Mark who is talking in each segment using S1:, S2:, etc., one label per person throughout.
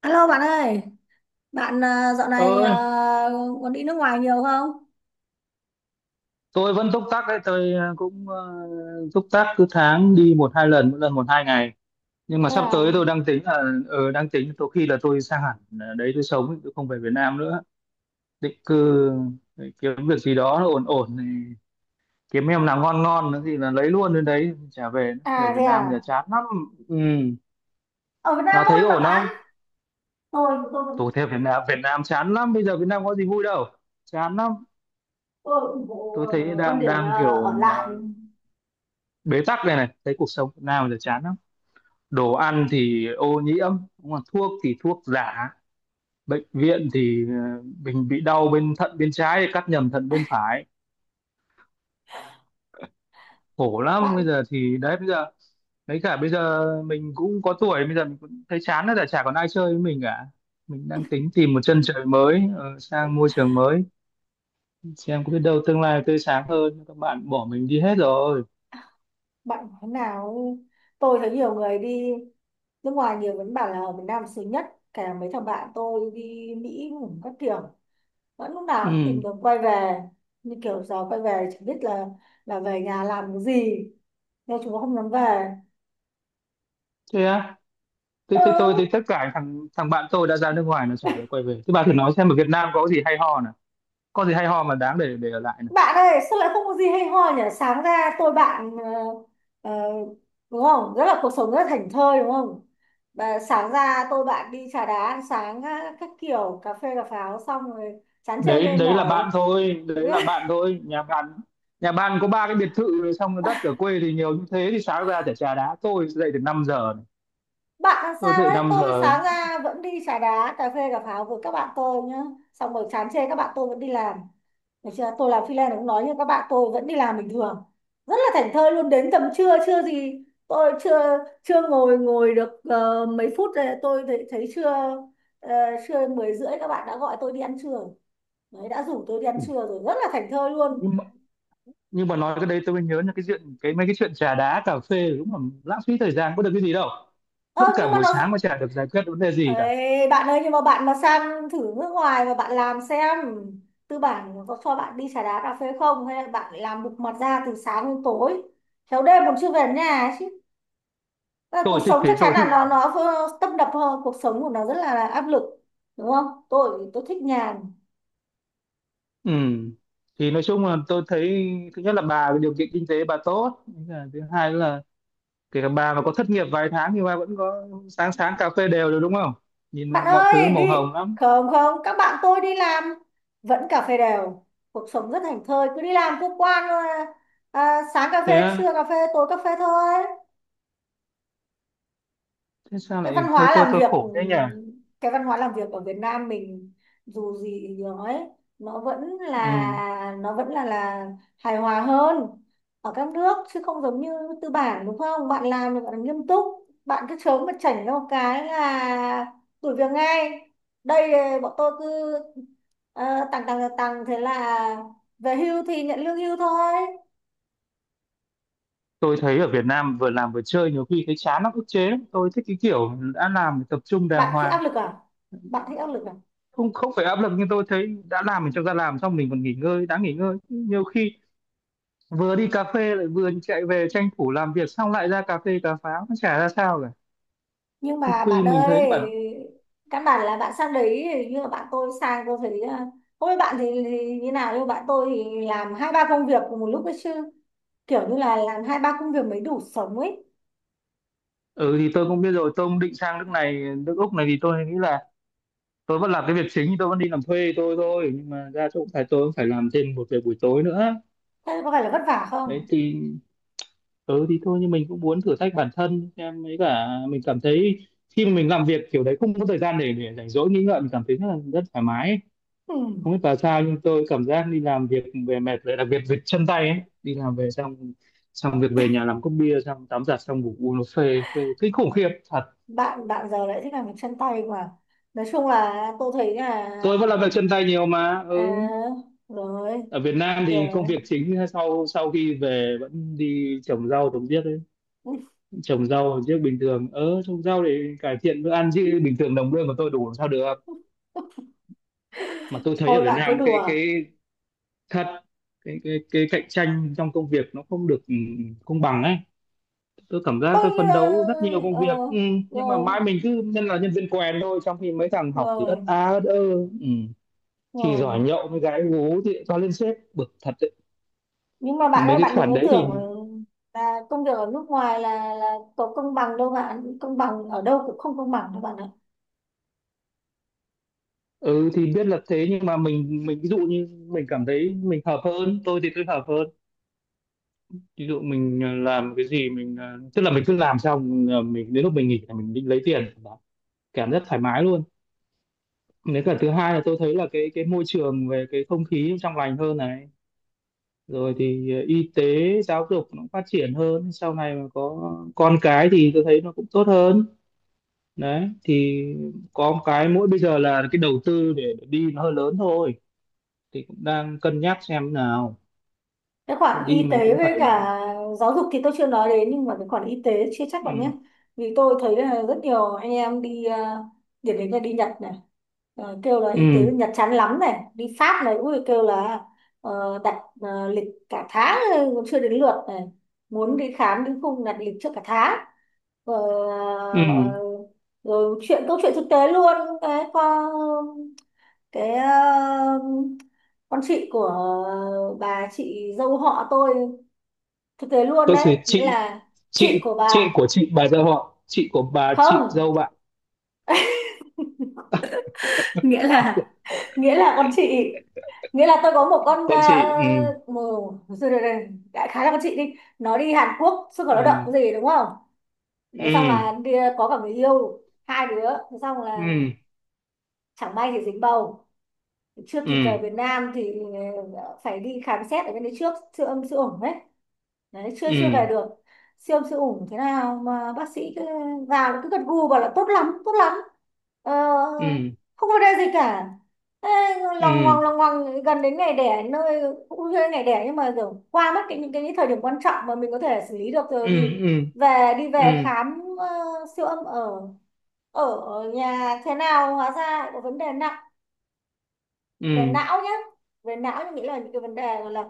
S1: Alo bạn ơi, bạn à, dạo này
S2: Ơi,
S1: còn đi nước ngoài nhiều không?
S2: tôi vẫn túc tắc đấy. Tôi cũng túc tắc cứ tháng đi một hai lần, mỗi lần một hai ngày. Nhưng mà
S1: Thế
S2: sắp
S1: à,
S2: tới tôi đang tính là đang tính tôi khi là tôi sang hẳn, đấy tôi sống ấy, tôi không về Việt Nam nữa. Định cư để kiếm việc gì đó nó ổn ổn thì kiếm em nào ngon ngon nữa thì là lấy luôn, đến đấy trả về nữa.
S1: à
S2: Về Việt
S1: thế
S2: Nam giờ
S1: à,
S2: chán lắm. Ừ.
S1: ở Việt Nam
S2: Bà
S1: vui
S2: thấy
S1: mà
S2: ổn
S1: bạn.
S2: không?
S1: Tôi vẫn-
S2: Tôi thấy Việt Nam chán lắm, bây giờ Việt Nam có gì vui đâu. Chán lắm.
S1: tôi ủng hộ
S2: Tôi thấy
S1: ờ, quan
S2: đang
S1: điểm
S2: đang
S1: ờ,
S2: kiểu
S1: ở
S2: mà
S1: lại.
S2: bế tắc này này, thấy cuộc sống Việt Nam giờ chán lắm. Đồ ăn thì ô nhiễm, đúng không? Thuốc thì thuốc giả. Bệnh viện thì mình bị đau bên thận bên trái thì cắt nhầm thận bên phải, khổ lắm. Bây
S1: bạn
S2: giờ thì đấy, bây giờ đấy, cả bây giờ mình cũng có tuổi, bây giờ mình cũng thấy chán rồi, chả chả còn ai chơi với mình cả. Mình đang tính tìm một chân trời mới, sang môi trường mới, xem có biết đâu tương lai tươi sáng hơn, các bạn bỏ mình đi hết rồi.
S1: bạn nói thế nào ấy. Tôi thấy nhiều người đi nước ngoài nhiều vẫn bảo là ở Việt Nam sướng nhất, cả mấy thằng bạn tôi đi Mỹ cũng các kiểu vẫn lúc nào cũng tìm
S2: Ừ.
S1: đường quay về, như kiểu giờ quay về chẳng biết là về nhà làm cái gì, nên chúng nó không dám về.
S2: Thế á? thế,
S1: Ừ,
S2: thế tôi thì tất cả thằng thằng bạn tôi đã ra nước ngoài nó chả được quay về, thế bà thử nói xem ở Việt Nam có gì hay ho, có gì hay ho mà đáng để ở lại này.
S1: bạn ơi sao lại không có gì hay ho nhỉ, sáng ra tôi bạn ờ, đúng không, rất là cuộc sống rất là thảnh thơi đúng không. Và sáng ra tôi bạn đi trà đá ăn sáng á, các kiểu cà phê cà pháo xong rồi chán chê mê
S2: Đấy đấy là
S1: mỏi.
S2: bạn thôi, đấy là bạn thôi. Nhà bạn có ba cái biệt thự rồi, xong rồi đất ở quê thì nhiều như thế thì sáng ra chả trà đá, tôi dậy từ 5 giờ này.
S1: Bạn làm
S2: Tôi
S1: sao
S2: dậy
S1: đấy,
S2: năm
S1: tôi
S2: giờ
S1: sáng ra vẫn đi trà đá cà phê cà pháo với các bạn tôi nhá, xong rồi chán chê các bạn tôi vẫn đi làm. Được chưa? Tôi làm freelance cũng nói như các bạn tôi vẫn đi làm bình thường. Rất là thảnh thơi luôn, đến tầm trưa chưa gì tôi chưa chưa ngồi ngồi được mấy phút rồi, tôi thấy trưa, ờ, trưa mười rưỡi các bạn đã gọi tôi đi ăn trưa rồi. Đấy, đã rủ tôi đi ăn trưa rồi, rất là thảnh thơi luôn.
S2: Nhưng mà, nhưng mà nói cái đấy tôi mới nhớ là cái chuyện cái mấy cái chuyện trà đá cà phê đúng là lãng phí thời gian, có được cái gì đâu,
S1: Ơ
S2: mất
S1: nhưng
S2: cả
S1: mà
S2: buổi
S1: nó...
S2: sáng mà chả được giải quyết vấn đề gì cả.
S1: Ê, bạn ơi nhưng mà bạn mà sang thử nước ngoài mà bạn làm xem, tư bản có cho bạn đi trà đá cà phê không, hay là bạn lại làm bục mặt ra từ sáng đến tối, khéo đêm còn chưa về đến nhà ấy chứ. Ờ, cuộc
S2: Tôi thích
S1: sống
S2: thế,
S1: chắc chắn
S2: tôi
S1: là
S2: thích
S1: nó
S2: làm.
S1: nó vô- tấp nập hơn, cuộc sống của nó rất là áp lực đúng không, tôi thích nhàn.
S2: Ừ. Thì nói chung là tôi thấy thứ nhất là bà điều kiện kinh tế bà tốt. Thế là thứ hai là kể cả bà mà có thất nghiệp vài tháng thì bà vẫn có sáng sáng cà phê đều được, đúng không? Nhìn
S1: Bạn
S2: mọi thứ nó
S1: ơi
S2: màu
S1: đi,
S2: hồng lắm.
S1: không không các bạn tôi đi làm vẫn cà phê đều, cuộc sống rất thảnh thơi, cứ đi làm cứ qua sáng cà phê
S2: Thế
S1: trưa
S2: á?
S1: cà phê tối cà phê thôi.
S2: Thế sao
S1: Cái văn
S2: lại thấy
S1: hóa
S2: tôi
S1: làm
S2: tôi
S1: việc,
S2: khổ thế nhỉ?
S1: cái văn hóa làm việc ở Việt Nam mình dù gì thì nói nó vẫn
S2: Ừ.
S1: là nó vẫn là hài hòa hơn ở các nước, chứ không giống như tư bản đúng không, bạn làm thì bạn làm nghiêm túc, bạn cứ chớm mà chảnh ra một cái là đuổi việc ngay. Đây, bọn tôi cứ tằng tằng tằng, thế là về hưu thì nhận lương hưu thôi.
S2: Tôi thấy ở Việt Nam vừa làm vừa chơi nhiều khi thấy chán lắm, ức chế lắm. Tôi thích cái kiểu đã làm thì tập trung đàng
S1: Bạn thích
S2: hoàng.
S1: áp lực à? Bạn thích áp lực à?
S2: Không, không phải áp lực, nhưng tôi thấy đã làm mình cho ra làm, xong mình còn nghỉ ngơi. Đã nghỉ ngơi nhiều khi vừa đi cà phê lại vừa chạy về tranh thủ làm việc, xong lại ra cà phê cà pháo, nó chả ra sao cả.
S1: Nhưng
S2: Không
S1: mà
S2: quy
S1: bạn
S2: mình
S1: ơi,
S2: thấy cái bản.
S1: căn bản là bạn sang đấy, nhưng mà bạn tôi sang tôi thấy không biết bạn thì như nào, nhưng mà bạn tôi thì làm hai ba công việc cùng một lúc ấy chứ, kiểu như là làm hai ba công việc mới đủ sống ấy.
S2: Ừ, thì tôi cũng biết rồi, tôi cũng định sang nước này, nước Úc này, thì tôi nghĩ là tôi vẫn làm cái việc chính, tôi vẫn đi làm thuê tôi thôi, nhưng mà ra chỗ phải tôi cũng phải làm thêm một việc buổi tối nữa.
S1: Thế có phải là vất vả
S2: Đấy
S1: không?
S2: thì ừ thì thôi, nhưng mình cũng muốn thử thách bản thân em ấy, cả mình cảm thấy khi mà mình làm việc kiểu đấy không có thời gian để rảnh rỗi nghĩ ngợi, mình cảm thấy rất là rất thoải mái ấy.
S1: Ừ.
S2: Không biết là sao, nhưng tôi cảm giác đi làm việc về mệt rồi, đặc biệt về chân tay ấy, đi làm về xong, xong việc về nhà làm cốc bia, xong tắm giặt xong ngủ, uống nó phê phê kinh khủng khiếp.
S1: Bạn bạn giờ lại thích làm việc chân tay mà, nói chung là tôi thấy là
S2: Tôi vẫn làm việc chân tay nhiều mà.
S1: à,
S2: Ừ.
S1: rồi,
S2: Ở Việt Nam thì
S1: rồi.
S2: công việc chính sau sau khi về vẫn đi trồng rau trồng điếc ấy. Trồng rau trồng điếc bình thường, trồng rau để cải thiện bữa ăn, chứ bình thường đồng lương của tôi đủ làm sao được. Mà tôi thấy ở
S1: Thôi
S2: Việt
S1: bạn cứ
S2: Nam cái
S1: đùa,
S2: cái thật, cái cạnh tranh trong công việc nó không được, công bằng ấy. Tôi cảm giác tôi
S1: tôi
S2: phấn đấu rất nhiều công
S1: ờ,
S2: việc, nhưng mà
S1: rồi,
S2: mãi mình cứ nhân viên quèn thôi, trong khi mấy thằng học thì ất
S1: rồi,
S2: a ất ơ. Ừ. Chỉ giỏi
S1: rồi.
S2: nhậu với gái gú thì cho lên sếp, bực thật.
S1: Nhưng mà bạn
S2: Mấy
S1: ơi,
S2: cái
S1: bạn đừng
S2: khoản
S1: có
S2: đấy thì
S1: tưởng là công việc ở nước ngoài là có công bằng đâu bạn, công bằng ở đâu cũng không công bằng đâu bạn ạ.
S2: ừ, thì biết là thế, nhưng mà mình ví dụ như mình cảm thấy mình hợp hơn, tôi thì tôi hợp hơn. Ví dụ mình làm cái gì mình tức là mình cứ làm xong mình đến lúc mình nghỉ là mình đi lấy tiền, cảm giác thoải mái luôn. Nếu cả thứ hai là tôi thấy là cái môi trường về cái không khí trong lành hơn này. Rồi thì y tế, giáo dục nó cũng phát triển hơn, sau này mà có con cái thì tôi thấy nó cũng tốt hơn. Đấy, thì có một cái mỗi bây giờ là cái đầu tư để đi nó hơi lớn thôi, thì cũng đang cân nhắc xem nào.
S1: Cái
S2: Thì
S1: khoản
S2: đi
S1: y
S2: mình
S1: tế
S2: cũng
S1: với
S2: phải.
S1: cả giáo dục thì tôi chưa nói đến, nhưng mà cái khoản y tế chưa chắc bạn nhé,
S2: Ừ.
S1: vì tôi thấy là rất nhiều anh em đi điển hình là đi Nhật này, kêu là
S2: Ừ.
S1: y tế bên Nhật chán lắm này, đi Pháp này ui kêu là đặt lịch cả tháng rồi còn chưa đến lượt này, muốn đi khám đến khung đặt lịch trước cả tháng. Ờ,
S2: Ừ.
S1: ờ, rồi chuyện câu chuyện thực tế luôn, cái con, cái con chị của bà chị dâu họ tôi, thực tế luôn
S2: Có sự
S1: đấy, nghĩa
S2: chị.
S1: là chị
S2: chị
S1: của
S2: chị
S1: bà,
S2: của chị bà dâu họ, chị của bà chị
S1: không,
S2: dâu bạn?
S1: nghĩa là, nghĩa là con chị, nghĩa là tôi có một con
S2: Con chị. Ừ.
S1: một, rồi, rồi, rồi, đại khái là con chị đi, nó đi Hàn Quốc xuất khẩu lao động
S2: Ừ.
S1: gì đúng không,
S2: Ừ.
S1: thế xong là đi, ờ, có cả người yêu hai đứa, thế xong là
S2: Ừ.
S1: chẳng may thì dính bầu, chưa
S2: Ừ.
S1: kịp về Việt Nam thì phải đi khám xét ở bên đấy trước, siêu âm siêu ổn đấy, đấy chưa chưa về
S2: Ừ.
S1: được, siêu âm siêu ủng thế nào mà bác sĩ cứ vào cứ gật gù bảo là tốt lắm tốt lắm, ờ,
S2: Ừ.
S1: không có vấn đề gì cả. Ê,
S2: Ừ.
S1: lòng ngoằng gần đến ngày đẻ nơi, cũng chưa đến ngày đẻ nhưng mà kiểu qua mất cái những cái thời điểm quan trọng mà mình có thể xử lý được rồi,
S2: Ừ.
S1: thì
S2: Ừ.
S1: về, đi về
S2: Ừ.
S1: khám siêu âm ở ở ở nhà thế nào hóa ra lại có vấn đề nặng về
S2: Ừ.
S1: não nhé. Về não thì nghĩ là những cái vấn đề gọi là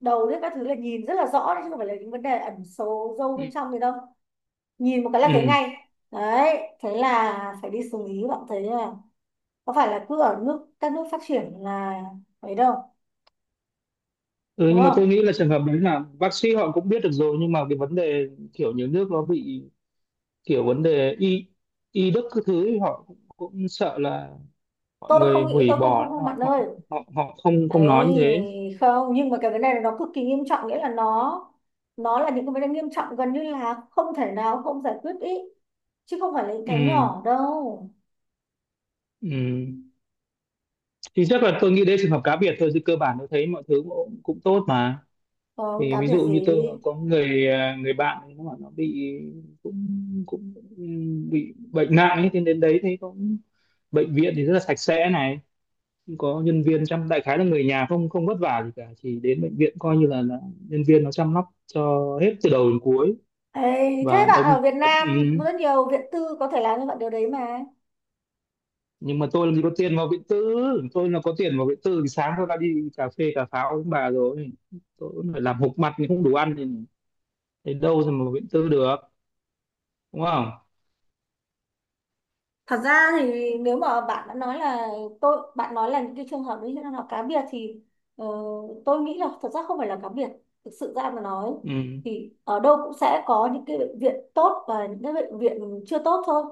S1: đầu đấy các thứ, là nhìn rất là rõ đấy, chứ không phải là những vấn đề ẩn sâu sâu bên trong gì đâu, nhìn một cái là thấy
S2: Ừ.
S1: ngay đấy, thế là phải đi xử lý, bạn thấy là có phải là cứ ở nước các nước phát triển là ấy đâu,
S2: Ừ,
S1: đúng
S2: nhưng mà tôi
S1: không.
S2: nghĩ là trường hợp đấy là bác sĩ họ cũng biết được rồi, nhưng mà cái vấn đề kiểu nhiều nước nó bị kiểu vấn đề y y đức các thứ ấy, họ cũng sợ là mọi
S1: Tôi không
S2: người
S1: nghĩ,
S2: hủy
S1: tôi không không
S2: bỏ
S1: không bạn
S2: họ họ
S1: ơi,
S2: họ, họ không không nói như thế.
S1: ấy, không, nhưng mà cái vấn đề này nó cực kỳ nghiêm trọng, nghĩa là nó là những cái vấn đề nghiêm trọng gần như là không thể nào không giải quyết ý, chứ không phải là những cái
S2: Ừ.
S1: nhỏ đâu.
S2: Ừ. Thì chắc là tôi nghĩ đấy trường hợp cá biệt thôi, chứ cơ bản tôi thấy mọi thứ cũng tốt mà.
S1: Còn
S2: Thì
S1: cá
S2: ví
S1: biệt
S2: dụ
S1: gì.
S2: như tôi có người bạn ấy, nó bảo nó bị, cũng cũng bị bệnh nặng ấy, thì đến đấy thấy cũng, bệnh viện thì rất là sạch sẽ này, không có nhân viên chăm, đại khái là người nhà không không vất vả gì cả, chỉ đến bệnh viện coi như là nhân viên nó chăm sóc cho hết từ đầu đến cuối,
S1: Ê, thế
S2: và
S1: bạn
S2: đặc biệt.
S1: ở Việt
S2: Ừ,
S1: Nam cũng rất nhiều viện tư có thể làm cho bạn điều đấy mà.
S2: nhưng mà tôi làm gì có tiền vào Vĩnh Tư, tôi là có tiền vào Vĩnh Tư thì sáng tôi đã đi cà phê cà pháo với bà rồi. Tôi cũng phải làm hộp mặt thì không đủ ăn, thì đến đâu rồi mà vào Vĩnh Tư được, đúng không?
S1: Thật ra thì nếu mà bạn đã nói là tôi, bạn nói là những cái trường hợp đấy là cá biệt thì ờ, tôi nghĩ là thật ra không phải là cá biệt. Thực sự ra mà nói
S2: Ừ.
S1: thì ở đâu cũng sẽ có những cái bệnh viện tốt và những cái bệnh viện chưa tốt thôi.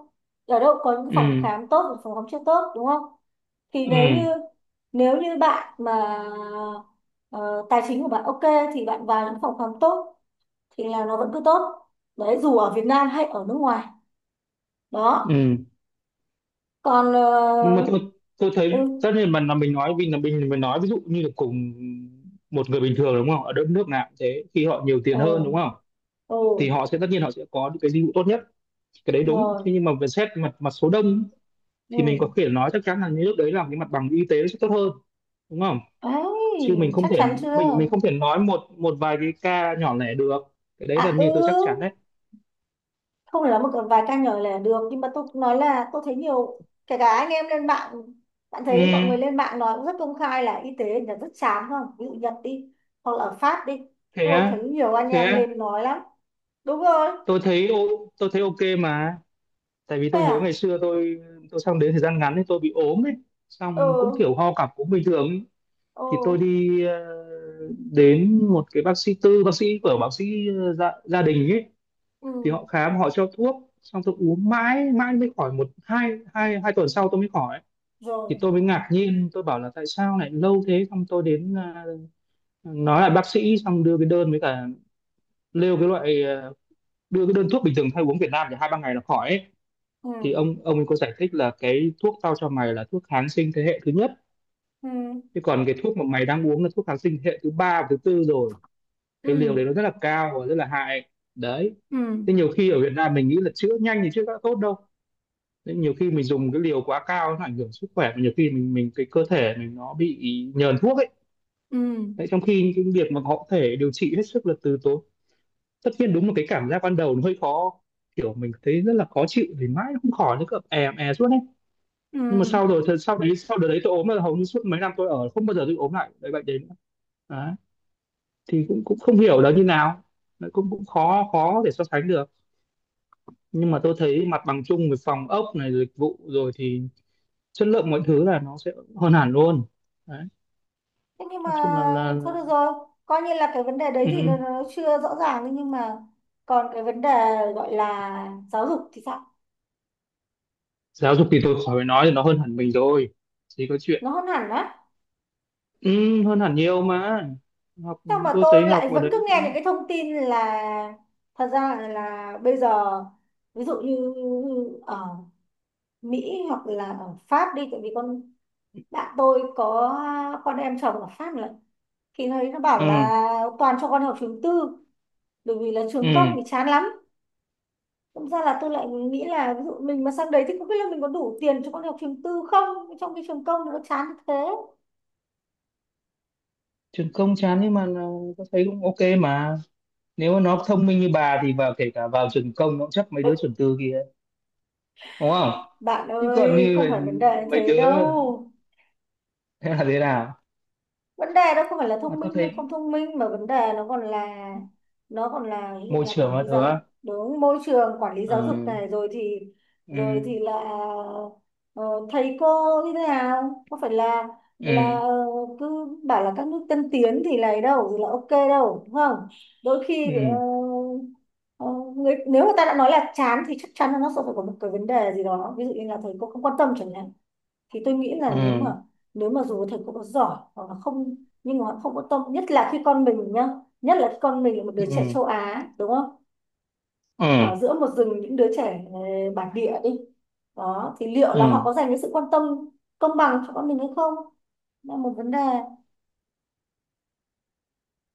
S1: Ở đâu cũng có những phòng
S2: Ừ.
S1: khám tốt và phòng khám chưa tốt đúng không? Thì
S2: Ừ.
S1: nếu như, nếu như bạn mà ờ, tài chính của bạn ok thì bạn vào những phòng khám tốt thì là nó vẫn cứ tốt, đấy dù ở Việt Nam hay ở nước ngoài đó.
S2: Ừ,
S1: Còn
S2: nhưng mà
S1: ờ,
S2: tôi
S1: ừ,
S2: thấy tất nhiên mà là mình nói, vì là mình nói ví dụ như là cùng một người bình thường đúng không, ở đất nước nào cũng thế khi họ nhiều
S1: ừ,
S2: tiền hơn đúng không,
S1: ừ,
S2: thì họ sẽ tất nhiên họ sẽ có những cái dịch vụ tốt nhất. Cái đấy đúng thế,
S1: rồi,
S2: nhưng mà về xét mặt mặt số đông thì mình có
S1: ừ,
S2: thể nói chắc chắn là những nước đấy làm cái mặt bằng y tế nó sẽ tốt hơn, đúng không, chứ mình
S1: ấy,
S2: không
S1: chắc
S2: thể
S1: chắn chưa,
S2: mình mình không thể nói một một vài cái ca nhỏ lẻ được, cái đấy là
S1: à ừ,
S2: như tôi chắc chắn đấy.
S1: không phải là một vài ca nhỏ là được, nhưng mà tôi cũng nói là tôi thấy nhiều, kể cả anh em lên mạng, bạn
S2: Ừ.
S1: thấy mọi người lên mạng nói cũng rất công khai là y tế là rất chán không, ví dụ Nhật đi, hoặc là ở Pháp đi,
S2: Thế
S1: tôi thấy
S2: á?
S1: nhiều anh
S2: Thế
S1: em
S2: á.
S1: lên nói lắm. Đúng rồi.
S2: Tôi thấy ok mà. Tại vì
S1: Thế
S2: tôi nhớ
S1: à.
S2: ngày xưa tôi sang đến thời gian ngắn thì tôi bị ốm ấy, xong cũng
S1: Ừ,
S2: kiểu ho cặp cũng bình thường ấy.
S1: ừ,
S2: Thì tôi đi đến một cái bác sĩ tư, bác sĩ của bác sĩ gia đình ấy,
S1: ừ,
S2: thì họ khám họ cho thuốc, xong tôi uống mãi mãi mới khỏi, một hai hai hai tuần sau tôi mới khỏi, thì
S1: rồi,
S2: tôi mới ngạc nhiên tôi bảo là tại sao lại lâu thế, xong tôi nói lại bác sĩ, xong đưa cái đơn với cả lêu cái loại à, đưa cái đơn thuốc bình thường hay uống Việt Nam thì hai ba ngày là khỏi ấy. Thì
S1: ừ,
S2: ông ấy có giải thích là cái thuốc tao cho mày là thuốc kháng sinh thế hệ thứ nhất,
S1: ừ,
S2: chứ còn cái thuốc mà mày đang uống là thuốc kháng sinh thế hệ thứ ba và thứ tư rồi. Cái liều
S1: ừ,
S2: đấy nó rất là cao và rất là hại đấy.
S1: ừ,
S2: Thế nhiều khi ở Việt Nam mình nghĩ là chữa nhanh thì chữa đã tốt đâu. Thế nhiều khi mình dùng cái liều quá cao nó ảnh hưởng sức khỏe, mà nhiều khi mình cái cơ thể mình nó bị nhờn thuốc ấy.
S1: ừ,
S2: Đấy, trong khi cái việc mà họ có thể điều trị hết sức là từ tốn. Tất nhiên đúng là cái cảm giác ban đầu nó hơi khó, kiểu mình thấy rất là khó chịu thì mãi nó không khỏi, nó cứ è è suốt ấy. Nhưng mà
S1: ừ.
S2: sau rồi sau đấy, sau đợt đấy tôi ốm là hầu như suốt mấy năm tôi ở không bao giờ tôi ốm lại cái bệnh đến đấy, thì cũng cũng không hiểu là như nào. Đấy, cũng cũng khó khó để so sánh được, nhưng mà tôi thấy mặt bằng chung về phòng ốc này, dịch vụ rồi thì chất lượng mọi thứ là nó sẽ hơn hẳn luôn đấy.
S1: Thế nhưng mà,
S2: Nói chung
S1: thôi được rồi, coi như là cái vấn đề đấy thì
S2: ừ.
S1: nó chưa rõ ràng ấy, nhưng mà còn cái vấn đề gọi là giáo dục thì sao?
S2: Giáo dục thì tôi khỏi phải nói, thì nó hơn hẳn mình rồi, chỉ có chuyện.
S1: Nó hơn hẳn á?
S2: Ừ, hơn hẳn nhiều mà. Học,
S1: Sao mà
S2: tôi thấy
S1: tôi
S2: học
S1: lại
S2: ở
S1: vẫn
S2: đấy
S1: cứ nghe những
S2: cũng
S1: cái thông tin là thật ra là bây giờ ví dụ như ở Mỹ hoặc là ở Pháp đi, tại vì con bạn tôi có con em chồng ở Pháp nữa, thì nó bảo là
S2: ừ,
S1: toàn cho con học trường tư, bởi vì là
S2: ừ.
S1: trường công thì chán lắm. Thực ra là tôi lại nghĩ là ví dụ mình mà sang đấy thì không biết là mình có đủ tiền cho con học trường tư không, trong khi trường công nó chán như thế.
S2: Trường công chán, nhưng mà tôi thấy cũng ok mà. Nếu mà nó thông minh như bà thì vào, kể cả vào trường công nó cũng chấp mấy đứa trường tư kia, đúng không?
S1: Bạn
S2: Chứ còn
S1: ơi
S2: như
S1: không
S2: vậy,
S1: phải vấn đề như
S2: mấy
S1: thế
S2: đứa,
S1: đâu,
S2: thế là thế nào?
S1: vấn đề đó không phải là
S2: Mà
S1: thông minh
S2: tôi
S1: hay
S2: thấy
S1: không thông minh mà vấn đề nó còn là ví dụ
S2: môi
S1: là
S2: trường
S1: quản
S2: là
S1: lý
S2: thứ,
S1: giáo dục, đúng, môi trường quản lý giáo dục
S2: ừ,
S1: này,
S2: ừ,
S1: rồi thì là ờ, thầy cô như thế nào, có phải là là
S2: ừ,
S1: ờ, cứ bảo là các nước tân tiến thì này đâu thì là ok đâu đúng không, đôi khi
S2: ừ,
S1: ờ, người, nếu mà ta đã nói là chán thì chắc chắn là nó sẽ phải có một cái vấn đề gì đó, ví dụ như là thầy cô không quan tâm chẳng hạn, thì tôi nghĩ là nếu mà,
S2: ừ,
S1: nếu mà dù thầy cô có giỏi hoặc là không, nhưng mà họ không có tâm, nhất là khi con mình nhá, nhất là khi con mình là một đứa trẻ
S2: ừ,
S1: châu Á đúng không,
S2: ừ,
S1: ở giữa một rừng những đứa trẻ bản địa đi, đó thì liệu là họ
S2: ừ.
S1: có dành cái sự quan tâm công bằng cho con mình hay không, là một vấn đề.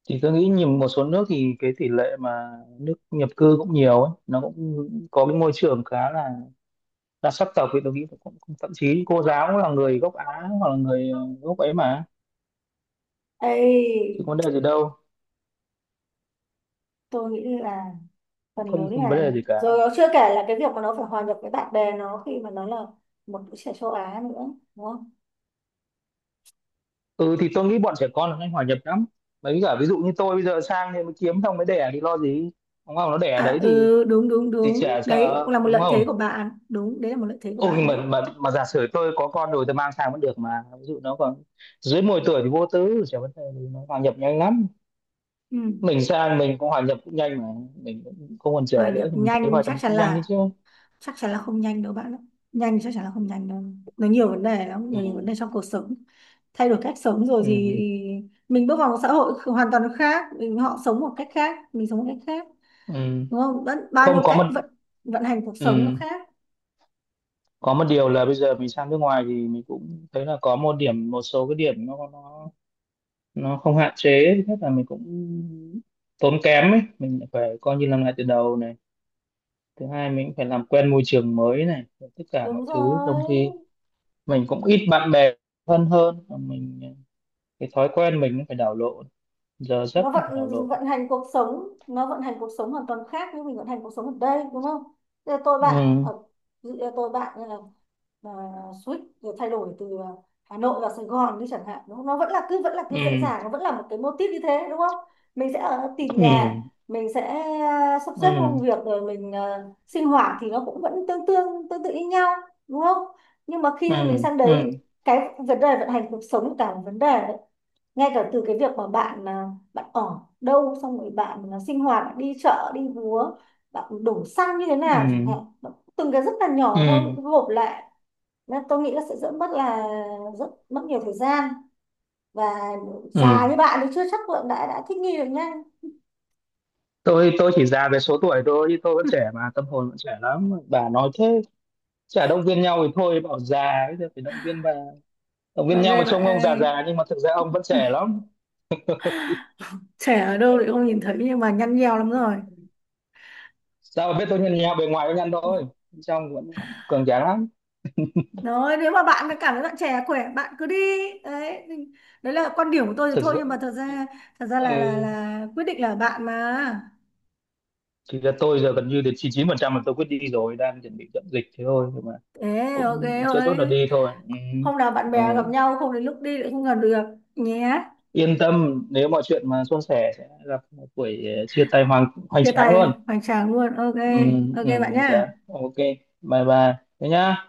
S2: Thì tôi nghĩ nhìn một số nước thì cái tỷ lệ mà nước nhập cư cũng nhiều ấy, nó cũng có cái môi trường khá là đa sắc tộc, thì tôi nghĩ cũng, cũng thậm chí cô giáo cũng là người gốc Á, hoặc là người gốc ấy mà,
S1: Ê,
S2: chứ có vấn đề gì đâu,
S1: tôi nghĩ là
S2: cũng
S1: phần
S2: không
S1: lớn
S2: không vấn
S1: là,
S2: đề gì cả.
S1: rồi nó chưa kể là cái việc mà nó phải hòa nhập với bạn bè nó khi mà nó là một đứa trẻ châu Á nữa đúng không?
S2: Ừ, thì tôi nghĩ bọn trẻ con là nhanh hòa nhập lắm, mấy cả ví dụ như tôi bây giờ sang thì mới kiếm xong mới đẻ thì lo gì, đúng không, nó đẻ ở
S1: À
S2: đấy
S1: ừ đúng đúng
S2: thì
S1: đúng,
S2: trẻ
S1: đấy
S2: sợ
S1: cũng là một
S2: đúng
S1: lợi
S2: không.
S1: thế của bạn, đúng, đấy là một lợi thế của
S2: Ôi,
S1: bạn
S2: mà,
S1: đấy.
S2: mà mà giả sử tôi có con rồi tôi mang sang vẫn được mà, ví dụ nó còn dưới 10 tuổi thì vô tư chả vấn đề gì, nó hòa nhập nhanh lắm.
S1: Ừ.
S2: Mình sang mình cũng hòa nhập cũng nhanh mà, mình cũng không còn
S1: Hòa
S2: trẻ nữa
S1: nhập
S2: thì mình thấy
S1: nhanh
S2: hòa nhập
S1: chắc
S2: mình
S1: chắn
S2: cũng nhanh đấy
S1: là,
S2: chứ.
S1: chắc chắn là không nhanh đâu bạn ạ, nhanh chắc chắn là không nhanh đâu, nó nhiều vấn đề lắm, nó nhiều vấn
S2: Ừ,
S1: đề trong cuộc sống, thay đổi cách sống rồi thì
S2: ừ,
S1: mình bước vào một xã hội hoàn toàn khác mình, họ sống một cách khác, mình sống một cách khác.
S2: ừ.
S1: Đúng không? Vẫn, bao
S2: Không
S1: nhiêu
S2: có
S1: cách
S2: một
S1: vận, vận hành cuộc sống nó
S2: ừ.
S1: khác.
S2: Có một điều là bây giờ mình sang nước ngoài thì mình cũng thấy là có một điểm, một số cái điểm nó không hạn chế. Thứ nhất là mình cũng tốn kém ấy, mình phải coi như làm lại từ đầu này. Thứ hai mình cũng phải làm quen môi trường mới này, rồi tất cả mọi
S1: Đúng
S2: thứ, trong
S1: rồi,
S2: khi mình cũng ít bạn bè thân hơn, và mình cái thói quen mình cũng phải đảo lộn, giờ giấc
S1: nó
S2: cũng phải
S1: vận
S2: đảo lộn.
S1: vận hành cuộc sống, nó vận hành cuộc sống hoàn toàn khác với mình vận hành cuộc sống ở đây đúng không. Thế tôi bạn
S2: Ừ,
S1: ở, ví dụ tôi bạn như là à, switch, rồi thay đổi từ Hà Nội vào Sài Gòn đi chẳng hạn đúng, nó vẫn là cứ, vẫn là cứ dễ
S2: ừ,
S1: dàng, nó vẫn là một cái mô típ như thế đúng không, mình sẽ ở tìm nhà,
S2: ừ,
S1: mình sẽ sắp
S2: ừ,
S1: xếp công việc, rồi mình sinh hoạt thì nó cũng vẫn tương tương tương tự như nhau đúng không, nhưng mà
S2: ừ,
S1: khi mình sang
S2: ừ,
S1: đấy cái vấn đề vận hành cuộc sống cả một vấn đề đấy, ngay cả từ cái việc mà bạn bạn ở đâu, xong rồi bạn sinh hoạt, bạn đi chợ đi búa, bạn đổ xăng như thế
S2: ừ,
S1: nào chẳng hạn, từng cái rất là
S2: ừ,
S1: nhỏ thôi gộp lại, nên tôi nghĩ là sẽ rất mất rất mất nhiều thời gian, và
S2: ừ.
S1: già như bạn thì chưa chắc là đã thích nghi được nhanh.
S2: Tôi chỉ già về số tuổi thôi, chứ tôi vẫn trẻ mà, tâm hồn vẫn trẻ lắm, bà nói thế, chả động viên nhau thì thôi bảo già, bây giờ phải động viên bà, động viên
S1: Ok
S2: nhau mà,
S1: bạn
S2: trông ông già
S1: ơi,
S2: già nhưng mà thực ra ông vẫn trẻ lắm.
S1: trẻ ở đâu thì không nhìn thấy nhưng mà nhăn nheo lắm rồi.
S2: Sao mà biết, tôi nhìn nhau bề ngoài tôi nhăn thôi, bên trong vẫn cường tráng lắm.
S1: Nói nếu mà bạn cảm thấy bạn trẻ khỏe bạn cứ đi. Đấy, đấy là quan điểm của tôi thì
S2: Thực
S1: thôi,
S2: sự.
S1: nhưng mà thật ra, thật ra là là
S2: Ừ,
S1: là quyết định là bạn mà.
S2: thì là tôi giờ gần như đến 99% là tôi quyết đi rồi, đang chuẩn bị dọn dịch thế thôi, nhưng mà
S1: Thế ok
S2: cũng sẽ chốt là
S1: ơi,
S2: đi thôi. Ừ.
S1: hôm nào bạn
S2: Ừ.
S1: bè gặp nhau, không đến lúc đi lại không gần được nhé.
S2: Yên tâm, nếu mọi chuyện mà suôn sẻ sẽ gặp một buổi chia tay hoành hoành
S1: Chia
S2: tráng
S1: tay
S2: luôn.
S1: hoành tráng luôn. Ok.
S2: Ừ,
S1: Ok
S2: ừ,
S1: bạn
S2: hoành tráng.
S1: nhá.
S2: Ok, bye bye, thế nhá.